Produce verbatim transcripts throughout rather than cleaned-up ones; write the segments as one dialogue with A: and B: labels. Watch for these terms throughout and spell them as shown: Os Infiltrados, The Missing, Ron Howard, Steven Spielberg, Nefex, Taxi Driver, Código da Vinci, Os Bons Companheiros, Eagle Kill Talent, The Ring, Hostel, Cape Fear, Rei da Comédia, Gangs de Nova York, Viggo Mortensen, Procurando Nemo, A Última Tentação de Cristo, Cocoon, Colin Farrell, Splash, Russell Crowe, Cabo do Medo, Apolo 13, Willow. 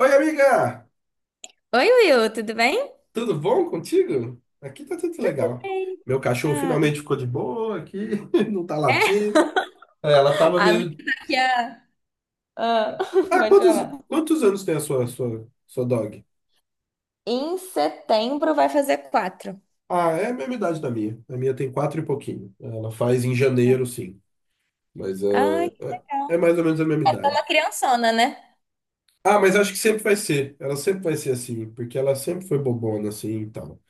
A: Oi, amiga!
B: Oi, Will, tudo bem?
A: Tudo bom contigo? Aqui tá tudo
B: Tudo
A: legal.
B: bem.
A: Meu cachorro
B: Ah,
A: finalmente ficou de boa aqui, não tá
B: é?
A: latindo. É, ela tava
B: A minha
A: meio.
B: tá aqui a... Ah,
A: Ah,
B: pode
A: quantos,
B: falar.
A: quantos anos tem a sua, sua, sua dog?
B: Em setembro vai fazer quatro.
A: Ah, é a mesma idade da minha. A minha tem quatro e pouquinho. Ela faz em janeiro, sim. Mas é,
B: Ai, que
A: é, é
B: legal.
A: mais ou menos a mesma
B: É só uma
A: idade.
B: criançona, né?
A: Ah, mas acho que sempre vai ser. Ela sempre vai ser assim, porque ela sempre foi bobona assim e tal.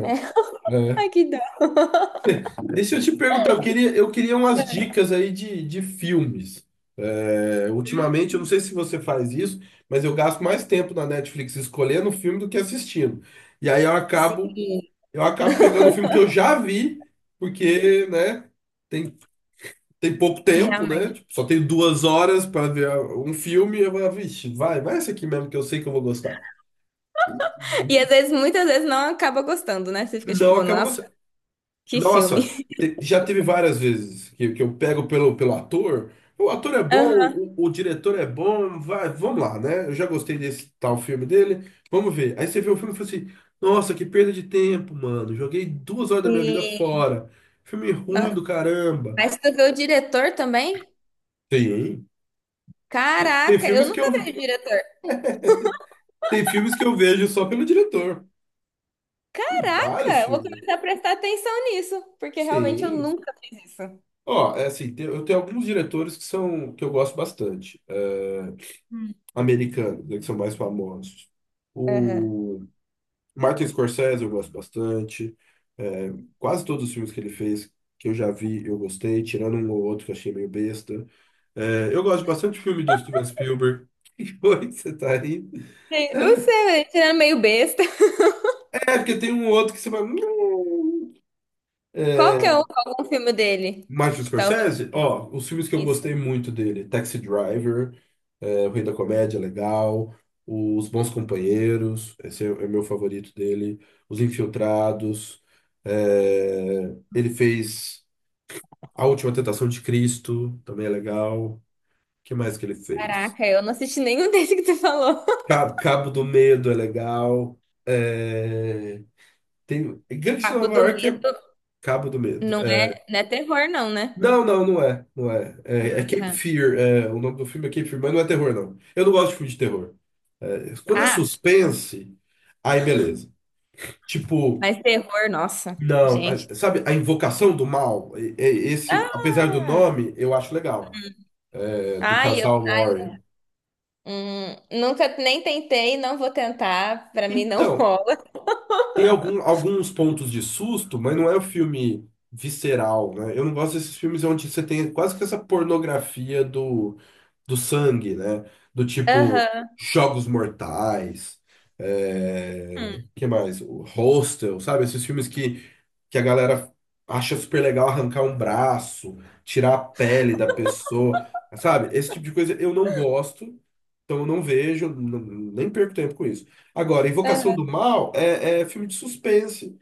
B: É.
A: É.
B: Ai, que dó.
A: E se eu te perguntar, eu queria, eu queria umas dicas aí de, de filmes. É, Ultimamente, eu não sei se você faz isso, mas eu gasto mais tempo na Netflix escolhendo o filme do que assistindo. E aí eu acabo,
B: Sim.
A: eu acabo pegando o filme que eu já vi, porque, né, tem, tem pouco tempo, né?
B: Realmente.
A: Tipo, só tenho duas horas para ver um filme, eu vou, vixe, vai, vai esse aqui mesmo que eu sei que eu vou gostar. E
B: E às vezes, muitas vezes, não acaba gostando, né? Você fica
A: não
B: tipo,
A: acaba
B: nossa,
A: gostando.
B: que filme.
A: Nossa, te- já teve várias vezes que, que eu pego pelo, pelo ator. O ator é bom,
B: Aham.
A: o, o diretor é bom, vai, vamos lá, né? Eu já gostei desse tal filme dele, vamos ver. Aí você vê o filme e fala assim: nossa, que perda de tempo, mano. Joguei duas horas da minha vida
B: E...
A: fora. Filme ruim
B: no-
A: do caramba.
B: Mas tu vê o diretor também?
A: Tem, tem tem
B: Caraca, eu
A: filmes que
B: nunca
A: eu,
B: vi o
A: ve-
B: diretor.
A: tem filmes que eu vejo só pelo diretor. Tem
B: Caraca,
A: vários
B: eu vou
A: filmes.
B: começar a prestar atenção nisso, porque realmente eu
A: Sim.
B: nunca fiz isso.
A: Ó, é assim, tem- eu tenho alguns diretores que são que eu gosto bastante. É,
B: Hum.
A: americanos, né, que são mais famosos.
B: Aham.
A: O Martin Scorsese eu gosto bastante. É, quase todos os filmes que ele fez que eu já vi, eu gostei, tirando um ou outro que eu achei meio besta. É, eu gosto bastante de filme do Steven Spielberg. Que foi que você tá aí?
B: Sim,
A: É,
B: você era meio besta.
A: é, porque tem um outro que você vai. "Hum".
B: Qual
A: é,
B: que é o, algum filme dele?
A: Martin
B: Que talvez
A: Scorsese, ó, os filmes que eu
B: isso.
A: gostei muito dele, Taxi Driver. É, o Rei da Comédia é legal. Os Bons Companheiros, esse é, é meu favorito dele. Os Infiltrados. É, ele fez A Última Tentação de Cristo, também é legal. O que mais que ele fez?
B: Caraca, eu não assisti nenhum desse que tu falou.
A: Ca- Cabo do Medo é legal. É, tem, Gangs de
B: Cabo
A: Nova
B: do
A: York é
B: Medo
A: Cabo do Medo.
B: não
A: É,
B: é, não é terror, não, né?
A: não, não, não é. Não é. É é Cape
B: Tá.
A: Fear. É, o nome do filme é Cape Fear, mas não é terror, não. Eu não gosto de filme de terror. É, quando é
B: Ah,
A: suspense, aí beleza. Tipo,
B: mas terror, nossa,
A: não,
B: gente.
A: a- sabe, a Invocação do Mal, E- e- esse, apesar do
B: Ah,
A: nome, eu acho legal, é, do
B: ai, eu,
A: casal
B: ai, não.
A: Warren.
B: Hum, nunca nem tentei, não vou tentar. Pra mim não
A: Então,
B: rola.
A: tem algum, alguns pontos de susto, mas não é um filme visceral, né? Eu não gosto desses filmes onde você tem quase que essa pornografia do sangue, né? Do tipo
B: Aham.
A: Jogos Mortais, é... que mais? O Hostel, sabe? Esses filmes que, que a galera acha super legal arrancar um braço, tirar a pele da pessoa, sabe? Esse tipo de coisa eu não gosto, então eu não vejo, n- nem perco tempo com isso. Agora, Invocação
B: Hum.
A: do Mal é, é filme de suspense,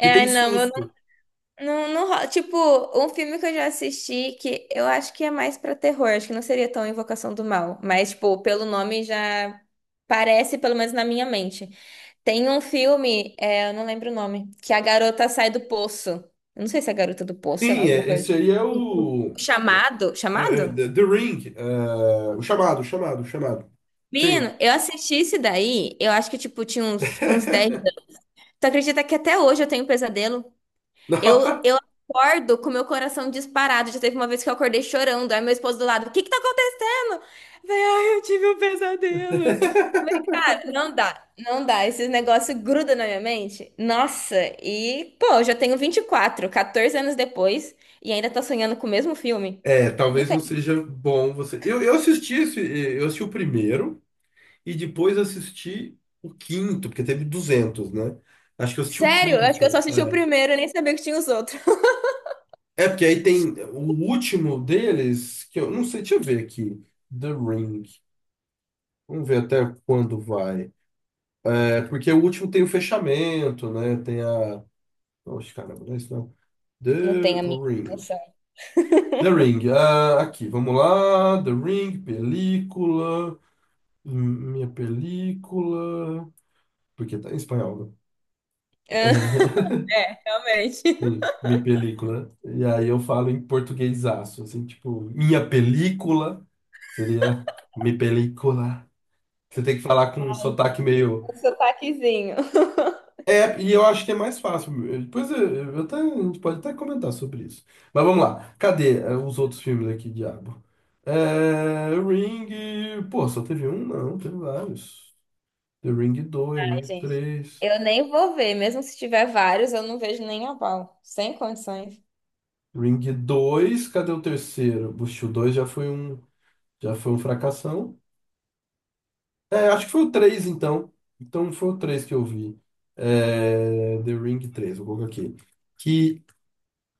A: que tem
B: não, eu não,
A: susto.
B: não, não ro- tipo, um filme que eu já assisti que eu acho que é mais pra terror, acho que não seria tão Invocação do Mal, mas, tipo, pelo nome já parece, pelo menos na minha mente. Tem um filme, é, eu não lembro o nome, que a garota sai do poço. Eu não sei se é a garota do poço, sei lá,
A: Sim,
B: alguma
A: é,
B: coisa. de-
A: esse aí é
B: O o
A: o
B: Chamado?
A: é, é,
B: Chamado?
A: The The Ring, é, o chamado, o chamado, o chamado. Sim.
B: Menino, eu assisti esse daí, eu acho que, tipo, tinha uns, uns dez. Tu acredita que até hoje eu tenho pesadelo? Eu, eu acordo com meu coração disparado. Já teve uma vez que eu acordei chorando. Aí meu esposo do lado, o que que tá acontecendo? Eu falei, ai, eu tive um pesadelo. Não dá, não dá. Esse negócio gruda na minha mente. Nossa, e pô, eu já tenho vinte e quatro, quatorze anos depois, e ainda tá sonhando com o mesmo filme.
A: É,
B: Não
A: talvez não
B: tem.
A: seja bom você. Eu, eu assisti esse, eu assisti o primeiro e depois assisti o quinto, porque teve duzentos, né? Acho que eu assisti o
B: Sério, eu acho que eu só
A: quinto.
B: assisti o primeiro, eu nem sabia que tinha os outros.
A: É é porque aí tem o último deles, que eu não sei, deixa eu ver aqui. The Ring. Vamos ver até quando vai. É, porque o último tem o fechamento, né? Tem a. Oxe, caramba, não é isso não. The
B: Não tem a minha
A: Ring.
B: noção.
A: The Ring. Ah, aqui, vamos lá. The Ring, película. Hum, Minha película. Porque tá em espanhol, né? É,
B: É, realmente.
A: Sim, minha película. E aí eu falo em portuguesaço, assim, tipo, minha película seria mi película. Você tem que falar com um sotaque meio.
B: O sotaquezinho.
A: É, e eu acho que é mais fácil. Depois eu, eu até, a gente pode até comentar sobre isso. Mas vamos lá. Cadê eh, os outros filmes aqui, diabo? É, Ring. Pô, só teve um? Não, teve vários. The Ring dois, Ring
B: Gente,
A: três,
B: eu nem vou ver, mesmo se tiver vários, eu não vejo nem a pau. Sem condições.
A: Ring dois, cadê o terceiro? Bush, o dois já foi um, já foi um fracassão. É, acho que foi o três então. Então foi o três que eu vi. É, The Ring três. Vou colocar aqui. Que,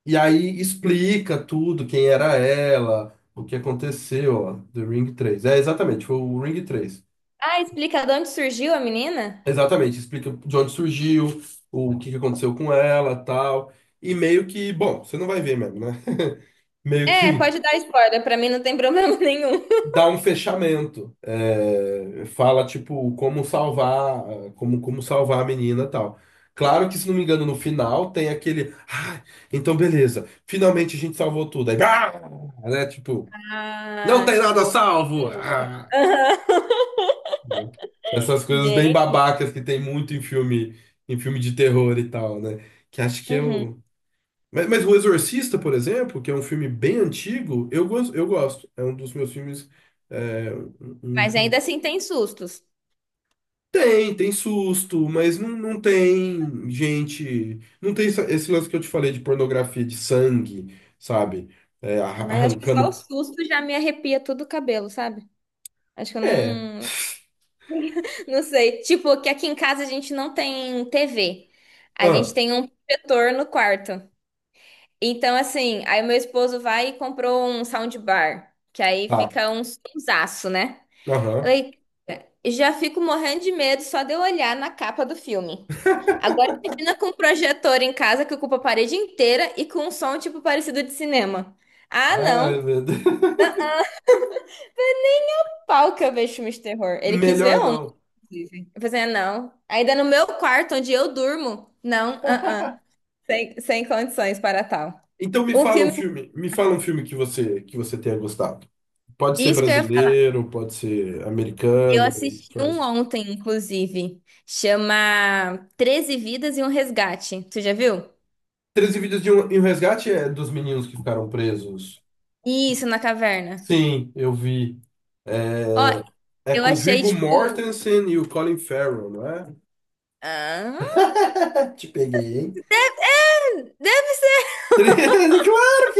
A: e aí explica tudo, quem era ela, o que aconteceu, ó. The Ring três. É, exatamente, foi o Ring três.
B: Ah, explica de onde surgiu a menina?
A: Exatamente, explica de onde surgiu, o que que aconteceu com ela, tal. E meio que, bom, você não vai ver mesmo, né? Meio
B: É,
A: que
B: pode dar spoiler, pra mim não tem problema nenhum.
A: dá um fechamento. É, fala, tipo, como salvar, como, como salvar a menina e tal. Claro que, se não me engano, no final tem aquele. Ah, então beleza, finalmente a gente salvou tudo. Aí, ah, né? Tipo, não
B: Ah,
A: tem nada
B: tipo.
A: salvo! Ah,
B: Aham.
A: né? Essas coisas bem
B: Gente.
A: babacas que tem muito em filme, em filme de terror e tal, né? Que acho que é
B: Uhum.
A: o. Mas, mas O Exorcista, por exemplo, que é um filme bem antigo, eu, gos- eu gosto. É um dos meus filmes é, um um
B: Mas ainda
A: filme.
B: assim tem sustos.
A: Tem, tem susto, mas não, não tem gente. Não tem essa- esse lance que eu te falei de pornografia de sangue, sabe? É, arra-
B: Mas acho que só o
A: arrancando.
B: susto já me arrepia todo o cabelo, sabe? Acho que eu
A: É.
B: não. Não sei. Tipo, que aqui em casa a gente não tem T V. A gente
A: Ah,
B: tem um protetor no quarto. Então, assim, aí meu esposo vai e comprou um soundbar, que aí
A: tá.
B: fica um sonsaço, né?
A: Aham.
B: Eu já fico morrendo de medo só de eu olhar na capa do filme. Agora imagina com um projetor em casa que ocupa a parede inteira e com um som tipo parecido de cinema. Ah,
A: Ai,
B: não.
A: meu Deus.
B: O pau que eu vejo filmes de terror. Ele quis ver
A: Melhor
B: um,
A: não.
B: inclusive. Eu falei, assim, ah, não. Ainda no meu quarto, onde eu durmo. Não, ah, ah. Sem, sem condições para tal.
A: Então me
B: Um
A: fala um
B: filme.
A: filme, me fala um filme que você que você tenha gostado. Pode ser
B: Isso que eu ia falar.
A: brasileiro, pode ser
B: Eu
A: americano,
B: assisti um
A: francês.
B: ontem, inclusive. Chama treze Vidas e um Resgate. Tu já viu?
A: treze vídeos de um, e um resgate é dos meninos que ficaram presos.
B: Isso, na caverna.
A: Sim, eu vi.
B: Ó,
A: É, É
B: eu
A: com
B: achei,
A: Viggo
B: tipo.
A: Mortensen e o Colin Farrell, não é?
B: Ah,
A: Te peguei, hein?
B: deve ser.
A: treze, claro que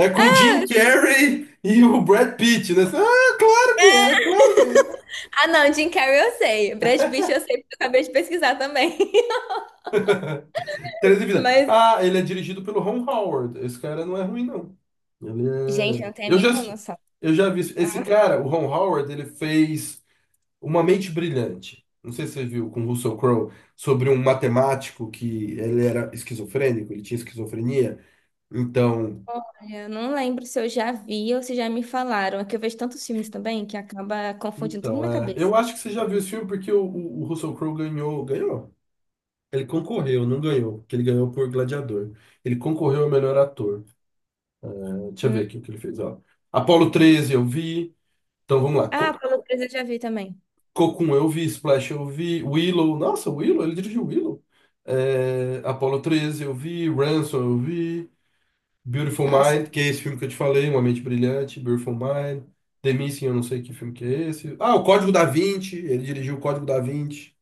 A: é! É com o Jim Carrey e o Brad Pitt, né? Ah, claro que é, claro que é.
B: Ah, não, Jim Carrey eu sei. Brad Pitt eu sei, porque eu acabei de pesquisar também.
A: treze Vida.
B: Mas,
A: Ah, ele é dirigido pelo Ron Howard. Esse cara não é ruim, não. Ele
B: gente, eu
A: é...
B: não tenho a
A: Eu já,
B: mínima noção.
A: eu já vi. Esse cara, o Ron Howard, ele fez Uma Mente Brilhante. Não sei se você viu com Russell Crowe sobre um matemático que ele era esquizofrênico, ele tinha esquizofrenia. Então,
B: Olha, eu não lembro se eu já vi ou se já me falaram. É que eu vejo tantos filmes também que acaba confundindo tudo na
A: Então,
B: minha
A: é,
B: cabeça.
A: eu acho que você já viu esse filme porque o, o- o Russell Crowe ganhou, ganhou. Ele concorreu, não ganhou, porque ele ganhou por Gladiador. Ele concorreu ao melhor ator. Eh, Deixa eu ver
B: Hum.
A: aqui o que ele fez, ó. Apolo treze eu vi. Então vamos lá.
B: Ah,
A: Co
B: Paulo César eu já vi também.
A: Cocoon eu vi, Splash eu vi, Willow. Nossa, Willow, ele dirigiu Willow. Eh, Apolo treze eu vi, Ransom eu vi, Beautiful
B: Nossa.
A: Mind, que é esse filme que eu te falei, Uma Mente Brilhante, Beautiful Mind, The Missing, eu não sei que filme que é esse. Ah, o Código da Vinci, ele dirigiu o Código da Vinci.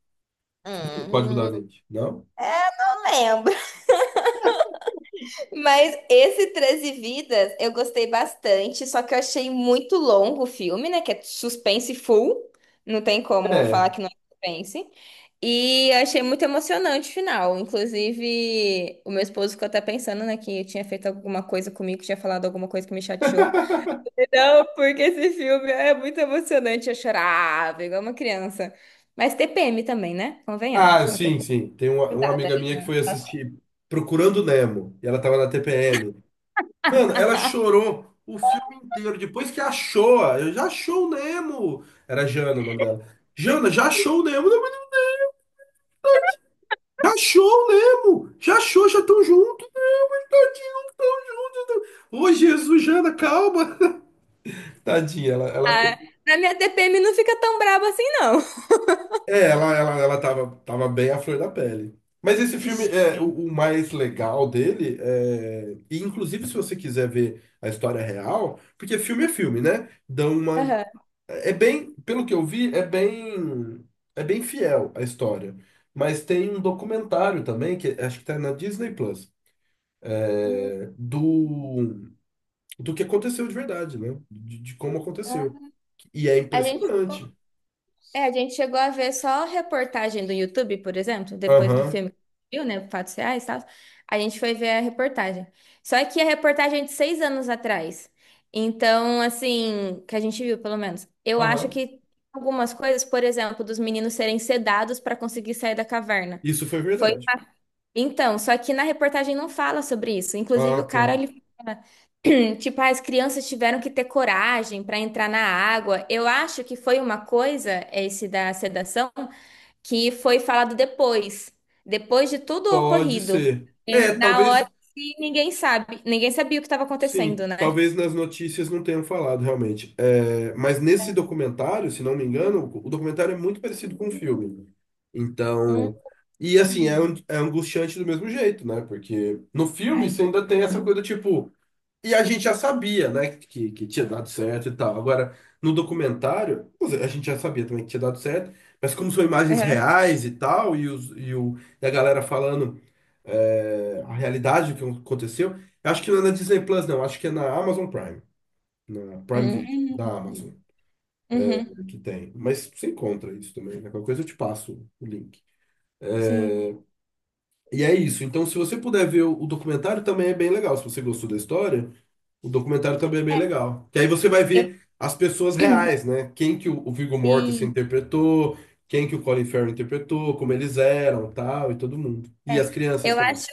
A: O Código da
B: Hum.
A: Vinci. Não?
B: Eu lembro. Mas esse treze Vidas eu gostei bastante, só que eu achei muito longo o filme, né? Que é suspense full, não tem como
A: É.
B: falar que não é suspense. E eu achei muito emocionante o final. Inclusive, o meu esposo ficou até pensando, né, que eu tinha feito alguma coisa comigo, que tinha falado alguma coisa que me chateou. Não, porque esse filme é muito emocionante. Eu chorava igual uma criança. Mas T P M também, né? Convenhamos,
A: Ah,
B: uma
A: sim,
B: T P M.
A: sim. Tem uma, uma
B: Cuidado,
A: amiga
B: né?
A: minha que foi assistir Procurando Nemo. E ela tava na T P M. Mano, ela chorou o filme inteiro. Depois que achou, eu já achou o Nemo. Era Jana o nome dela. Jana, já achou o Nemo? Não, mas já achou o Nemo? Já achou, já estão juntos. Ô, Jesus, Jana, calma. Tadinha, ela, ela.
B: Ah, na minha T P M não fica tão braba assim, não.
A: É, ela, ela, ela tava, tava bem à flor da pele. Mas esse filme, é o, o mais legal dele, é... e inclusive se você quiser ver a história real, porque filme é filme, né? Dão uma...
B: Aham.
A: É bem, pelo que eu vi, é bem, é bem fiel a história. Mas tem um documentário também, que acho que tá na Disney Plus,
B: Hum,
A: é, do, do que aconteceu de verdade, né? De, de como aconteceu.
B: ah.
A: E é
B: A gente, chegou-
A: impressionante.
B: é, a gente chegou a ver só reportagem do YouTube, por exemplo, depois do
A: Aham,
B: filme, que viu, né? Fatos reais e tal. A gente foi ver a reportagem. Só que a reportagem é de seis anos atrás. Então, assim, que a gente viu, pelo menos. Eu acho
A: aham.
B: que algumas coisas, por exemplo, dos meninos serem sedados para conseguir sair da caverna.
A: Isso foi
B: Foi.
A: verdade.
B: Então, só que na reportagem não fala sobre isso. Inclusive,
A: Ah,
B: o
A: tá.
B: cara, ele. Tipo, ah, as crianças tiveram que ter coragem para entrar na água. Eu acho que foi uma coisa, esse da sedação, que foi falado depois, depois de tudo
A: Pode
B: ocorrido.
A: ser.
B: É,
A: É,
B: na hora
A: talvez,
B: que ninguém sabe, ninguém sabia o que estava
A: sim,
B: acontecendo, né?
A: talvez nas notícias não tenham falado realmente. É, mas nesse documentário, se não me engano, o documentário é muito parecido com o filme. Então, e assim, é,
B: Hum.
A: an- é angustiante do mesmo jeito, né? Porque no filme você
B: Ai.
A: ainda tem essa coisa, tipo, e a gente já sabia, né, que, que tinha dado certo e tal. Agora, no documentário, quer dizer, a gente já sabia também que tinha dado certo, mas como são imagens
B: Uhum.
A: reais e tal, e, os, e, o, e a galera falando é, a realidade do que aconteceu, eu acho que não é na Disney Plus, não, acho que é na Amazon Prime, na Prime
B: Hum.
A: Video, da
B: Hum.
A: Amazon, é
B: Uhum.
A: que tem. Mas você encontra isso também, né? Qualquer coisa eu te passo o link.
B: Sim.
A: E é isso. Então, se você puder ver o o documentário, também é bem legal. Se você gostou da história. O documentário também é bem legal. Que aí você vai
B: Eu
A: ver as pessoas reais, né? Quem que o o Viggo Mortensen
B: vi.
A: interpretou, quem que o Colin Farrell interpretou, como eles eram, tal, e todo mundo. E
B: É,
A: as crianças
B: eu
A: também.
B: acho,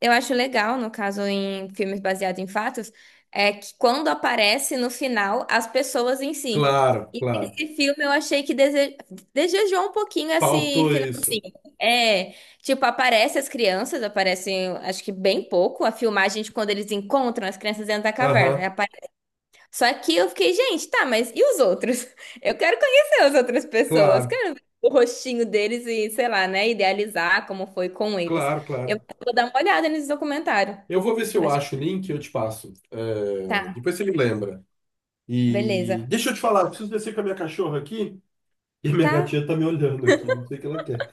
B: eu acho legal, no caso, em filmes baseados em fatos, é que quando aparece no final as pessoas em si.
A: Claro,
B: E
A: claro.
B: esse filme eu achei que dese... desejou um pouquinho esse
A: Faltou isso.
B: finalzinho. É, tipo, aparece as crianças, aparecem, acho que bem pouco, a filmagem de quando eles encontram as crianças dentro da caverna.
A: Aham,
B: Só que eu fiquei, gente, tá, mas e os outros? Eu quero conhecer as outras pessoas,
A: claro,
B: quero ver o rostinho deles e, sei lá, né, idealizar como foi com eles.
A: claro,
B: Eu
A: claro.
B: vou dar uma olhada nesse documentário.
A: Eu vou ver se eu
B: Acho que
A: acho o link e eu te passo. É,
B: tá,
A: depois você me lembra. E
B: beleza.
A: deixa eu te falar, eu preciso descer com a minha cachorra aqui e minha
B: Tá,
A: gatinha tá me olhando aqui, não sei o que ela quer.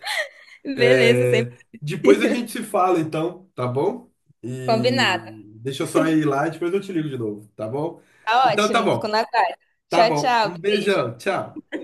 B: beleza, sempre
A: É, depois a gente se fala, então, tá bom? E
B: combinado.
A: deixa eu só ir lá e depois eu te ligo de novo, tá bom?
B: Tá
A: Então tá
B: ótimo, fico
A: bom,
B: na guarda.
A: tá
B: Tchau,
A: bom.
B: tchau,
A: Um
B: beijo.
A: beijão, tchau.